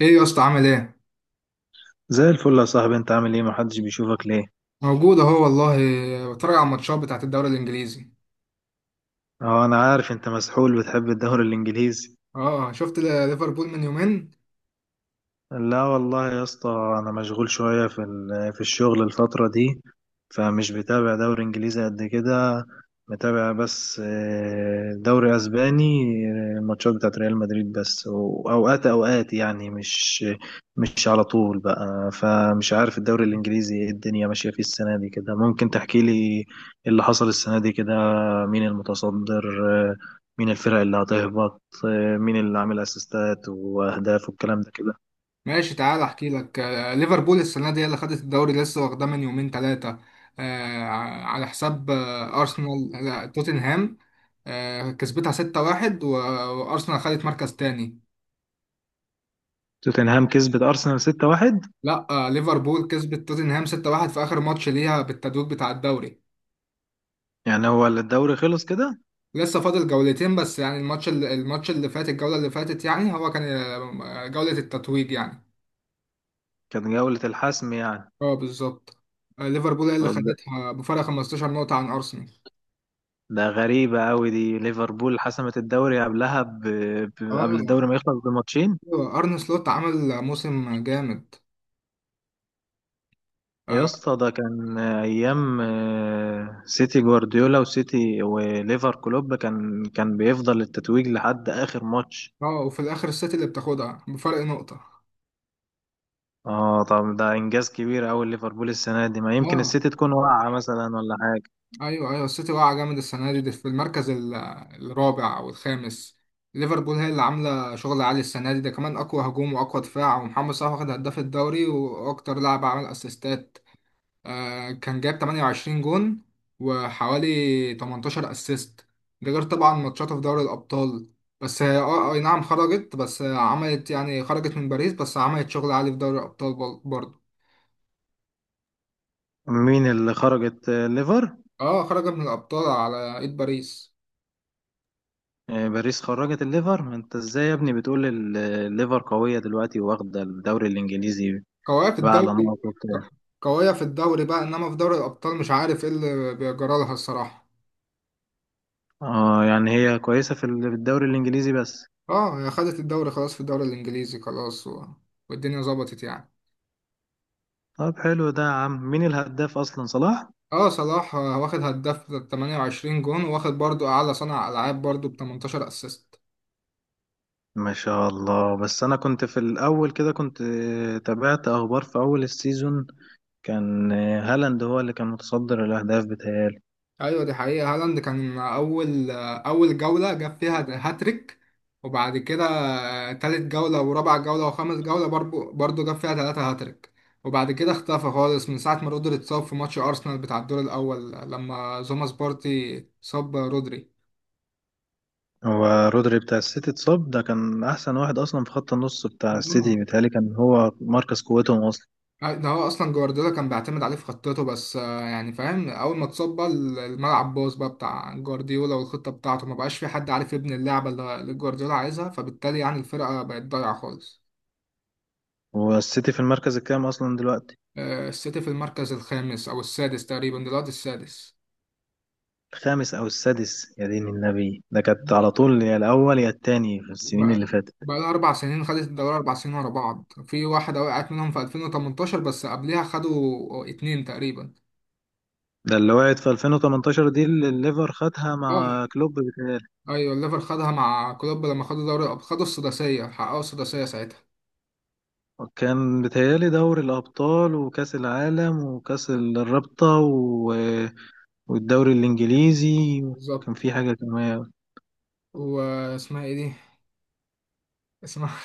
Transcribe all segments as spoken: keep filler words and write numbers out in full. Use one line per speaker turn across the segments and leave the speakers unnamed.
ايه يا اسطى، عامل ايه؟
زي الفل يا صاحبي، انت عامل ايه؟ محدش بيشوفك ليه؟
موجود اهو والله. بتفرج على الماتشات بتاعت الدوري الانجليزي؟
اه انا عارف، انت مسحول بتحب الدوري الانجليزي.
اه، شفت ل- ليفربول من يومين.
لا والله يا اسطى، انا مشغول شويه في ال- في الشغل الفتره دي، فمش بتابع دوري انجليزي قد كده. متابع بس آه، دوري اسباني. آه، الماتشات بتاعت ريال مدريد بس، واوقات اوقات يعني مش مش على طول بقى. فمش عارف الدوري الانجليزي ايه الدنيا ماشيه فيه السنه دي كده. ممكن تحكي لي إيه اللي حصل السنه دي كده؟ مين المتصدر؟ آه، مين الفرق اللي هتهبط؟ آه، مين اللي عامل اسيستات واهداف والكلام ده كده؟
ماشي تعال احكي لك. آه، ليفربول السنه دي هي اللي خدت الدوري، لسه واخداه من يومين ثلاثه، على حساب آه، ارسنال، لا توتنهام. آه، كسبتها ستة واحد و- وارسنال خدت مركز تاني.
توتنهام كسبت أرسنال ستة واحد؟
لا، آه، ليفربول كسبت توتنهام ستة واحد في اخر ماتش ليها بالتدويج بتاع الدوري.
يعني هو الدوري خلص كده؟
لسه فاضل جولتين بس. يعني الماتش اللي الماتش اللي فات، الجولة اللي فاتت، يعني هو كان آه، جولة التتويج يعني.
كان جولة الحسم يعني؟
اه، بالظبط. آه، ليفربول هي اللي
طب ده
خدتها بفارق 15 نقطة عن أرسنال.
ده غريبة أوي دي، ليفربول حسمت الدوري قبلها ب... ب... قبل الدوري
اه،
ما يخلص بماتشين.
أيوة، أرن سلوت عمل موسم جامد.
يا
اه.
اسطى، ده كان أيام آه، سيتي جوارديولا، وسيتي وليفر كلوب كان كان بيفضل التتويج لحد آخر ماتش.
آه، وفي الآخر السيتي اللي بتاخدها بفرق نقطة.
اه طب ده إنجاز كبير أوي ليفربول السنة دي. ما يمكن
اه،
السيتي تكون واقعة مثلا ولا حاجة.
ايوه ايوه، السيتي واقعه جامد السنه دي، دي في المركز ال- الرابع او الخامس. ليفربول هي اللي عامله شغل عالي السنه دي، ده كمان اقوى هجوم واقوى دفاع، ومحمد صلاح واخد هداف الدوري واكتر لاعب عمل اسيستات. آه كان جاب تمانية وعشرين جون، وحوالي تمنتاشر اسيست، ده غير طبعا ماتشاته في دوري الابطال. بس هي اه آه، اي نعم خرجت، بس عملت، يعني خرجت من باريس بس عملت شغل عالي في دوري الابطال بر- برضه.
مين اللي خرجت؟ آه، ليفر؟
اه، خرجت من الابطال على ايد باريس.
آه، باريس خرجت الليفر؟ ما انت ازاي يا ابني بتقول ال- الليفر قوية دلوقتي واخدة الدوري الانجليزي
قوية في
بقى على
الدوري.
نقط وبتاع.
قوية في الدوري بقى، انما في دوري الابطال مش عارف ايه اللي بيجرى لها الصراحة.
اه يعني هي كويسة في ال- في الدوري الانجليزي بس.
اه، هي خدت الدوري خلاص، في الدوري الانجليزي خلاص، و... والدنيا ظبطت يعني.
طب حلو ده يا عم. مين الهداف اصلا، صلاح؟
اه، صلاح آه، واخد هداف ب تمانية وعشرين جون، واخد برضو اعلى صانع العاب برضو ب تمنتاشر اسيست.
ما شاء الله. بس انا كنت في الاول كده كنت آه، تابعت اخبار في اول السيزون. كان آه، هالاند هو اللي كان متصدر الاهداف بتهيألي.
ايوه، دي حقيقة. هالاند كان اول اول جولة جاب فيها هاتريك، وبعد كده آه، تالت جولة ورابع جولة وخامس جولة برضو برضو جاب فيها تلاتة هاتريك. وبعد كده اختفى خالص من ساعة ما رودري اتصاب في ماتش ارسنال بتاع الدور الاول، لما زوماس بارتي صاب رودري.
هو رودري بتاع السيتي اتصاب؟ ده كان احسن واحد اصلا في خط النص بتاع السيتي
آه.
بيتهيألي. كان هو مركز قوتهم اصلا.
ده هو اصلا جوارديولا كان بيعتمد عليه في خطته، بس آه، يعني فاهم، اول ما اتصاب بقى الملعب باظ بقى بتاع جوارديولا والخطة بتاعته، ما بقاش في حد عارف يبني اللعبة اللي اللي جوارديولا عايزها، فبالتالي يعني الفرقة بقت ضايعة خالص.
هو السيتي في المركز الكام اصلا دلوقتي؟
آه، السيتي في المركز الخامس أو السادس تقريبا دلوقتي، السادس.
الخامس او السادس؟ يا دين النبي، ده كانت على طول يا الاول يا التاني في السنين
بقى
اللي فاتت.
بقى لها أربع سنين خدت الدوري، أربع سنين ورا بعض، في واحدة وقعت منهم في ألفين وتمنتاشر بس قبلها خدوا اتنين تقريبا.
ده اللي وقعت في ألفين وتمنتاشر دي اللي الليفر خدها
اه،
مع كلوب بتاعي.
أيوة الليفر خدها مع كلوب لما خدوا دوري الأبطال، خدوا السداسية، حققوا السداسية ساعتها.
كان بيتهيألي دوري الابطال وكاس العالم وكاس الرابطة و... والدوري الانجليزي. كان
بالظبط.
في حاجة كمان،
واسمها إيه دي؟ اسمها.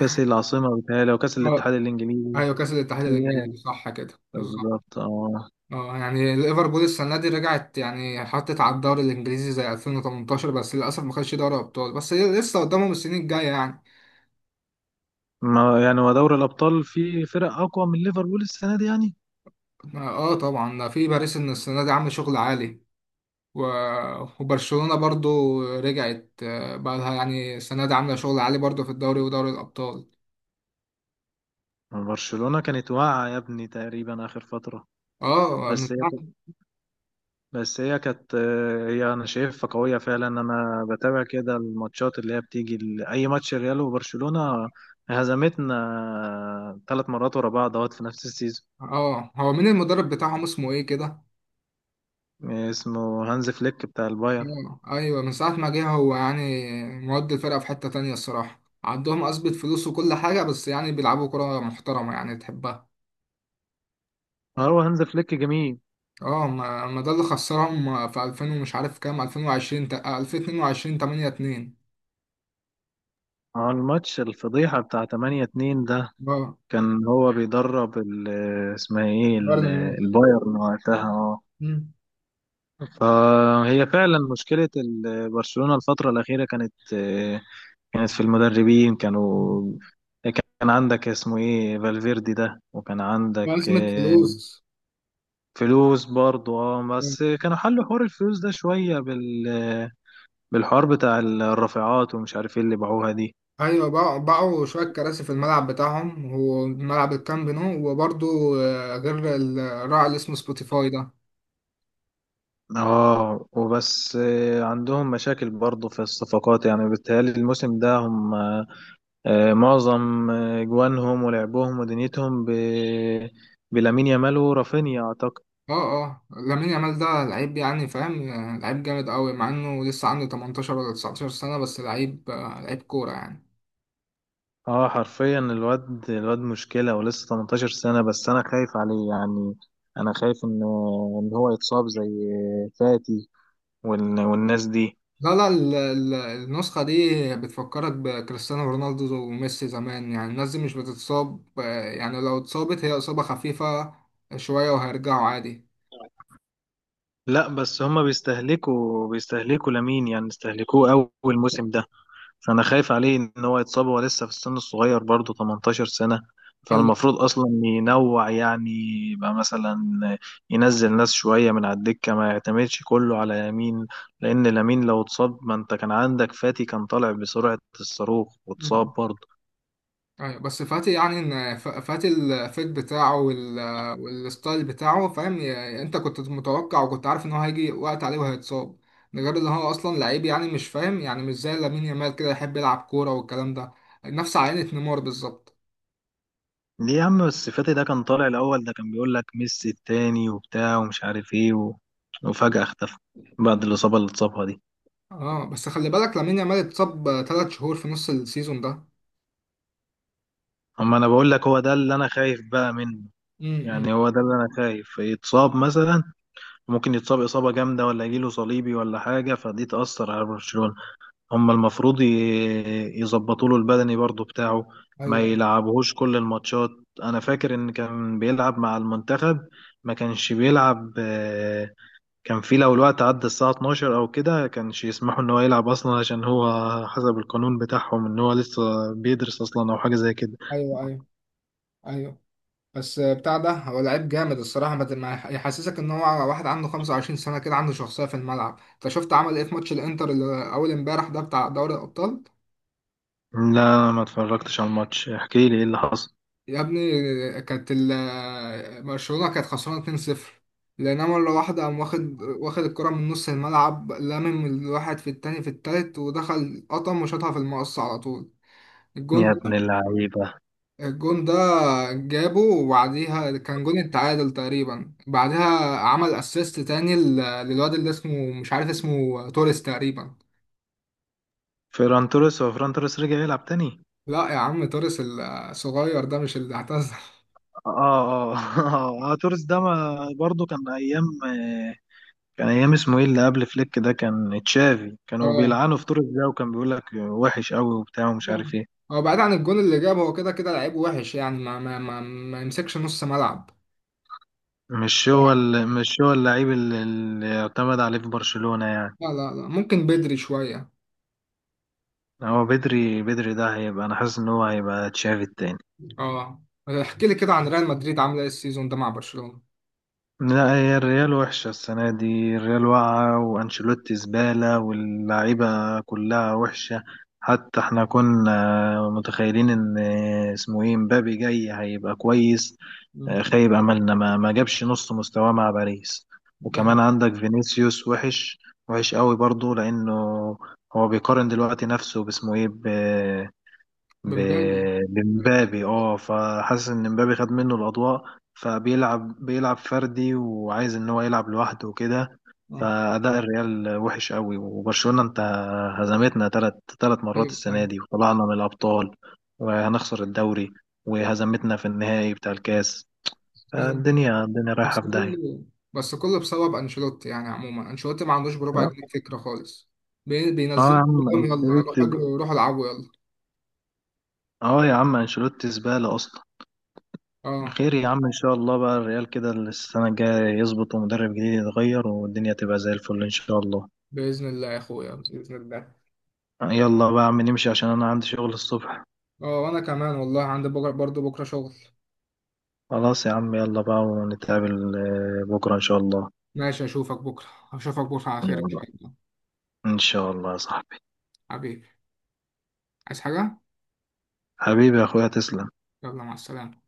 كاس العاصمة بيتهيألي وكاس
اه،
الاتحاد الانجليزي.
أيوة كأس الاتحاد
بيتهيألي.
الإنجليزي، صح كده بالظبط.
بالظبط اه.
اه، يعني ليفربول السنة دي رجعت، يعني حطت على الدوري الإنجليزي زي ألفين وتمنتاشر، بس للأسف ما خدش دوري أبطال، بس هي لسه قدامهم السنين الجاية يعني.
ما يعني هو دوري الابطال فيه فرق اقوى من ليفربول السنة دي يعني؟
اه طبعا، ده في باريس إن السنة دي عامل شغل عالي، و... وبرشلونة برضو رجعت، آه، بقى لها، يعني السنة دي عاملة شغل عالي برضو في الدوري ودوري الأبطال.
ما برشلونة كانت واقعة يا ابني تقريبا آخر فترة.
اه،
بس
من
هي
ساعة.
بس هي كانت، هي أنا شايفها قوية فعلا. أنا بتابع كده الماتشات اللي هي بتيجي، ال- أي ماتش ريال وبرشلونة. هزمتنا ثلاث مرات ورا بعض أهوت في نفس السيزون.
اه، هو مين المدرب بتاعهم اسمه ايه كده؟
اسمه هانز فليك بتاع البايرن.
آه، ايوه، من ساعة ما جه هو يعني. مودي الفرقة في حتة تانية الصراحة، عندهم أثبت فلوس وكل حاجة، بس يعني بيلعبوا كرة محترمة يعني تحبها.
آه، هو هانز فليك جميل.
اه، ما, ما ده اللي خسرهم في ألفين، ومش عارف كام، ألفين وعشرين تا- ألفين واتنين وعشرين، تمانية اتنين.
اه الماتش الفضيحة بتاع تمنية اتنين ده،
اه،
كان هو بيدرب ال- اسمها ايه
بايرن
ال-
ميونخ.
البايرن وقتها آه،
مم.
فهي فعلا مشكلة ال- برشلونة الفترة الأخيرة كانت، كانت في المدربين كانوا، كان عندك اسمه ايه فالفيردي ده، وكان عندك
وأزمة
آه،
فلوس.
فلوس برضه. اه
مم.
بس كانوا حلوا حوار الفلوس ده شوية بال، بالحوار بتاع الرافعات ومش عارف ايه اللي باعوها دي.
أيوة، باعوا باعوا شوية كراسي في الملعب بتاعهم، وملعب الكامب نو، وبرضه آه، غير الراعي اللي اسمه سبوتيفاي ده.
اه وبس آه، عندهم مشاكل برضه في الصفقات يعني بالتهيألي الموسم ده هم آه، معظم آه، جوانهم ولعبهم ودنيتهم ب... بلامين يامال ورافينيا اعتقد.
اه اه، لامين يامال ده لعيب، يعني فاهم، آه، لعيب جامد قوي، مع انه لسه عنده تمنتاشر ولا تسعة عشر سنة، بس لعيب آه، لعيب كورة يعني.
اه حرفيا الواد الواد مشكلة، ولسه تمنتاشر سنة بس. انا خايف عليه يعني. انا خايف ان ان هو يتصاب زي فاتي وال... والناس دي.
لا لا، ال- ال- النسخة دي بتفكرك بكريستيانو رونالدو وميسي زمان. يعني الناس دي مش بتتصاب، آه، يعني لو اتصابت هي إصابة خفيفة شوية وهيرجعوا عادي.
لا بس هما بيستهلكوا بيستهلكوا لامين، يعني استهلكوه قوي الموسم ده. انا خايف عليه ان هو يتصاب. هو لسه في السن الصغير برضه، تمنتاشر سنة. فالمفروض اصلا ينوع يعني، يبقى مثلا ينزل ناس شوية من على الدكة، ما يعتمدش كله على يمين. لان لامين لو اتصاب، ما انت كان عندك فاتي كان طالع بسرعة الصاروخ
خلي
واتصاب برضه.
ايوه، بس فاتي يعني، ان ف- فاتي الفيت بتاعه وال... والستايل بتاعه، فاهم، ي- انت كنت متوقع، وكنت عارف ان هو هيجي وقت عليه وهيتصاب. ده غير ان هو اصلا لعيب، يعني مش فاهم، يعني مش زي لامين يامال كده يحب يلعب كوره والكلام ده. نفس عينة نيمار بالظبط.
ليه يا عم بس؟ فاتي ده كان طالع الاول، ده كان بيقول لك ميسي التاني وبتاع ومش عارف ايه، و... وفجأة اختفى بعد الإصابة اللي اتصابها دي.
اه، بس خلي بالك لامين يامال اتصاب ثلاث شهور في نص السيزون ده.
اما انا بقول لك هو ده اللي انا خايف بقى منه.
امم
يعني هو ده اللي انا خايف يتصاب مثلا. ممكن يتصاب اصابه جامده ولا يجيله صليبي ولا حاجه، فدي تاثر على برشلونه. هم المفروض ي- يظبطوا له البدني برضو بتاعه، ما
ايوه
يلعبهوش كل الماتشات. انا فاكر ان كان بيلعب مع المنتخب، ما كانش بيلعب آه، كان في لو الوقت عدى الساعه اتناشر او كده كانش يسمحوا ان هو يلعب اصلا، عشان هو حسب القانون بتاعهم ان هو لسه بيدرس اصلا او حاجه زي كده.
ايوه. ايوه ايوه. بس بتاع ده، هو لعيب جامد الصراحة، ما ما يحسسك ان هو واحد عنده خمسة وعشرين سنة كده، عنده شخصية في الملعب. انت شفت عمل ايه في ماتش الانتر اللي اول امبارح ده بتاع دوري الابطال؟
لا أنا ما اتفرجتش على الماتش، احكي لي ايه اللي حصل.
يا ابني، كانت ال- برشلونة كانت خسرانة اتنين صفر، لان مرة واحدة قام واخد واخد الكرة من نص الملعب، لامم الواحد في التاني في التالت ودخل قطم وشاطها في المقص على طول.
يا
الجون
ابن اللعيبة.
الجون ده جابه، وبعديها كان جون التعادل تقريبا، بعدها عمل اسيست تاني لل- للواد اللي اسمه، مش عارف اسمه، توريس تقريبا.
فيران توريس؟ هو فيران توريس رجع يلعب تاني؟
لا يا عم، توريس الصغير ده مش اللي اعتزل.
اه اه اه, آه توريس ده ما برضه كان ايام آه، كان ايام اسمه ايه اللي قبل فليك ده، كان تشافي، كانوا
اه،
بيلعنوا في توريس ده وكان بيقول لك وحش قوي وبتاع ومش
لا.
عارف ايه.
هو بعيد عن الجون اللي جابه، هو كده كده لعيب وحش، يعني ما ما ما, ما يمسكش نص ملعب.
مش هو ال- مش هو اللعيب اللي اللي يعتمد عليه في برشلونة يعني؟
لا لا لا، ممكن بدري شوية.
هو بدري بدري ده هيبقى، انا حاسس ان هو هيبقى تشافي التاني.
اه، احكي لي كده عن ريال مدريد عاملة ايه السيزون ده مع برشلونة؟
لا هي الريال وحشة السنة دي. الريال واقعة وأنشيلوتي زبالة واللعيبة كلها وحشة. حتى احنا كنا متخيلين ان اسمه ايه مبابي جاي هيبقى كويس.
مم.
آه، خيب أملنا، ما, ما جابش نص مستواه مع باريس.
ده
وكمان
حاجة.
عندك فينيسيوس وحش، وحش قوي برضو، لأنه هو بيقارن دلوقتي نفسه باسمه ايه،
بمبابي.
ب- بمبابي اه. فحاسس ان مبابي خد منه الاضواء، فبيلعب بيلعب فردي وعايز ان هو يلعب لوحده وكده.
اه.
فاداء الريال وحش قوي. وبرشلونة انت، هزمتنا ثلاث ثلاث مرات السنة
ايوه.
دي، وطلعنا من الابطال، وهنخسر الدوري، وهزمتنا في النهائي بتاع الكاس.
أيوة.
الدنيا الدنيا
بس
رايحة في داهية.
كله بس كله بسبب انشيلوتي، يعني عموما انشيلوتي ما عندوش بربع جنيه
اه
فكره خالص. بي-
آه يا
بينزلوا
عم
كلهم، يلا روح
انشيلوتي.
اجروا، روح العبوا يلا.
اه يا عم انشيلوتي زبالة اصلا.
اه.
خير يا عم، ان شاء الله بقى الريال كده السنه الجايه يظبط ومدرب جديد يتغير والدنيا تبقى زي الفل ان شاء الله.
باذن الله يا اخويا، باذن الله.
يلا بقى يا عم نمشي عشان انا عندي شغل الصبح.
اه، وانا كمان والله عندي بكره، برضه بكره شغل.
خلاص يا عم، يلا بقى، ونتقابل آه، بكره ان شاء الله.
ماشي، اشوفك بكره، اشوفك بكره على خير ان
يلا.
شاء الله.
ان شاء الله يا صاحبي.
حبيبي. عايز حاجه؟
حبيبي يا اخويا، تسلم.
يلا، مع السلامه.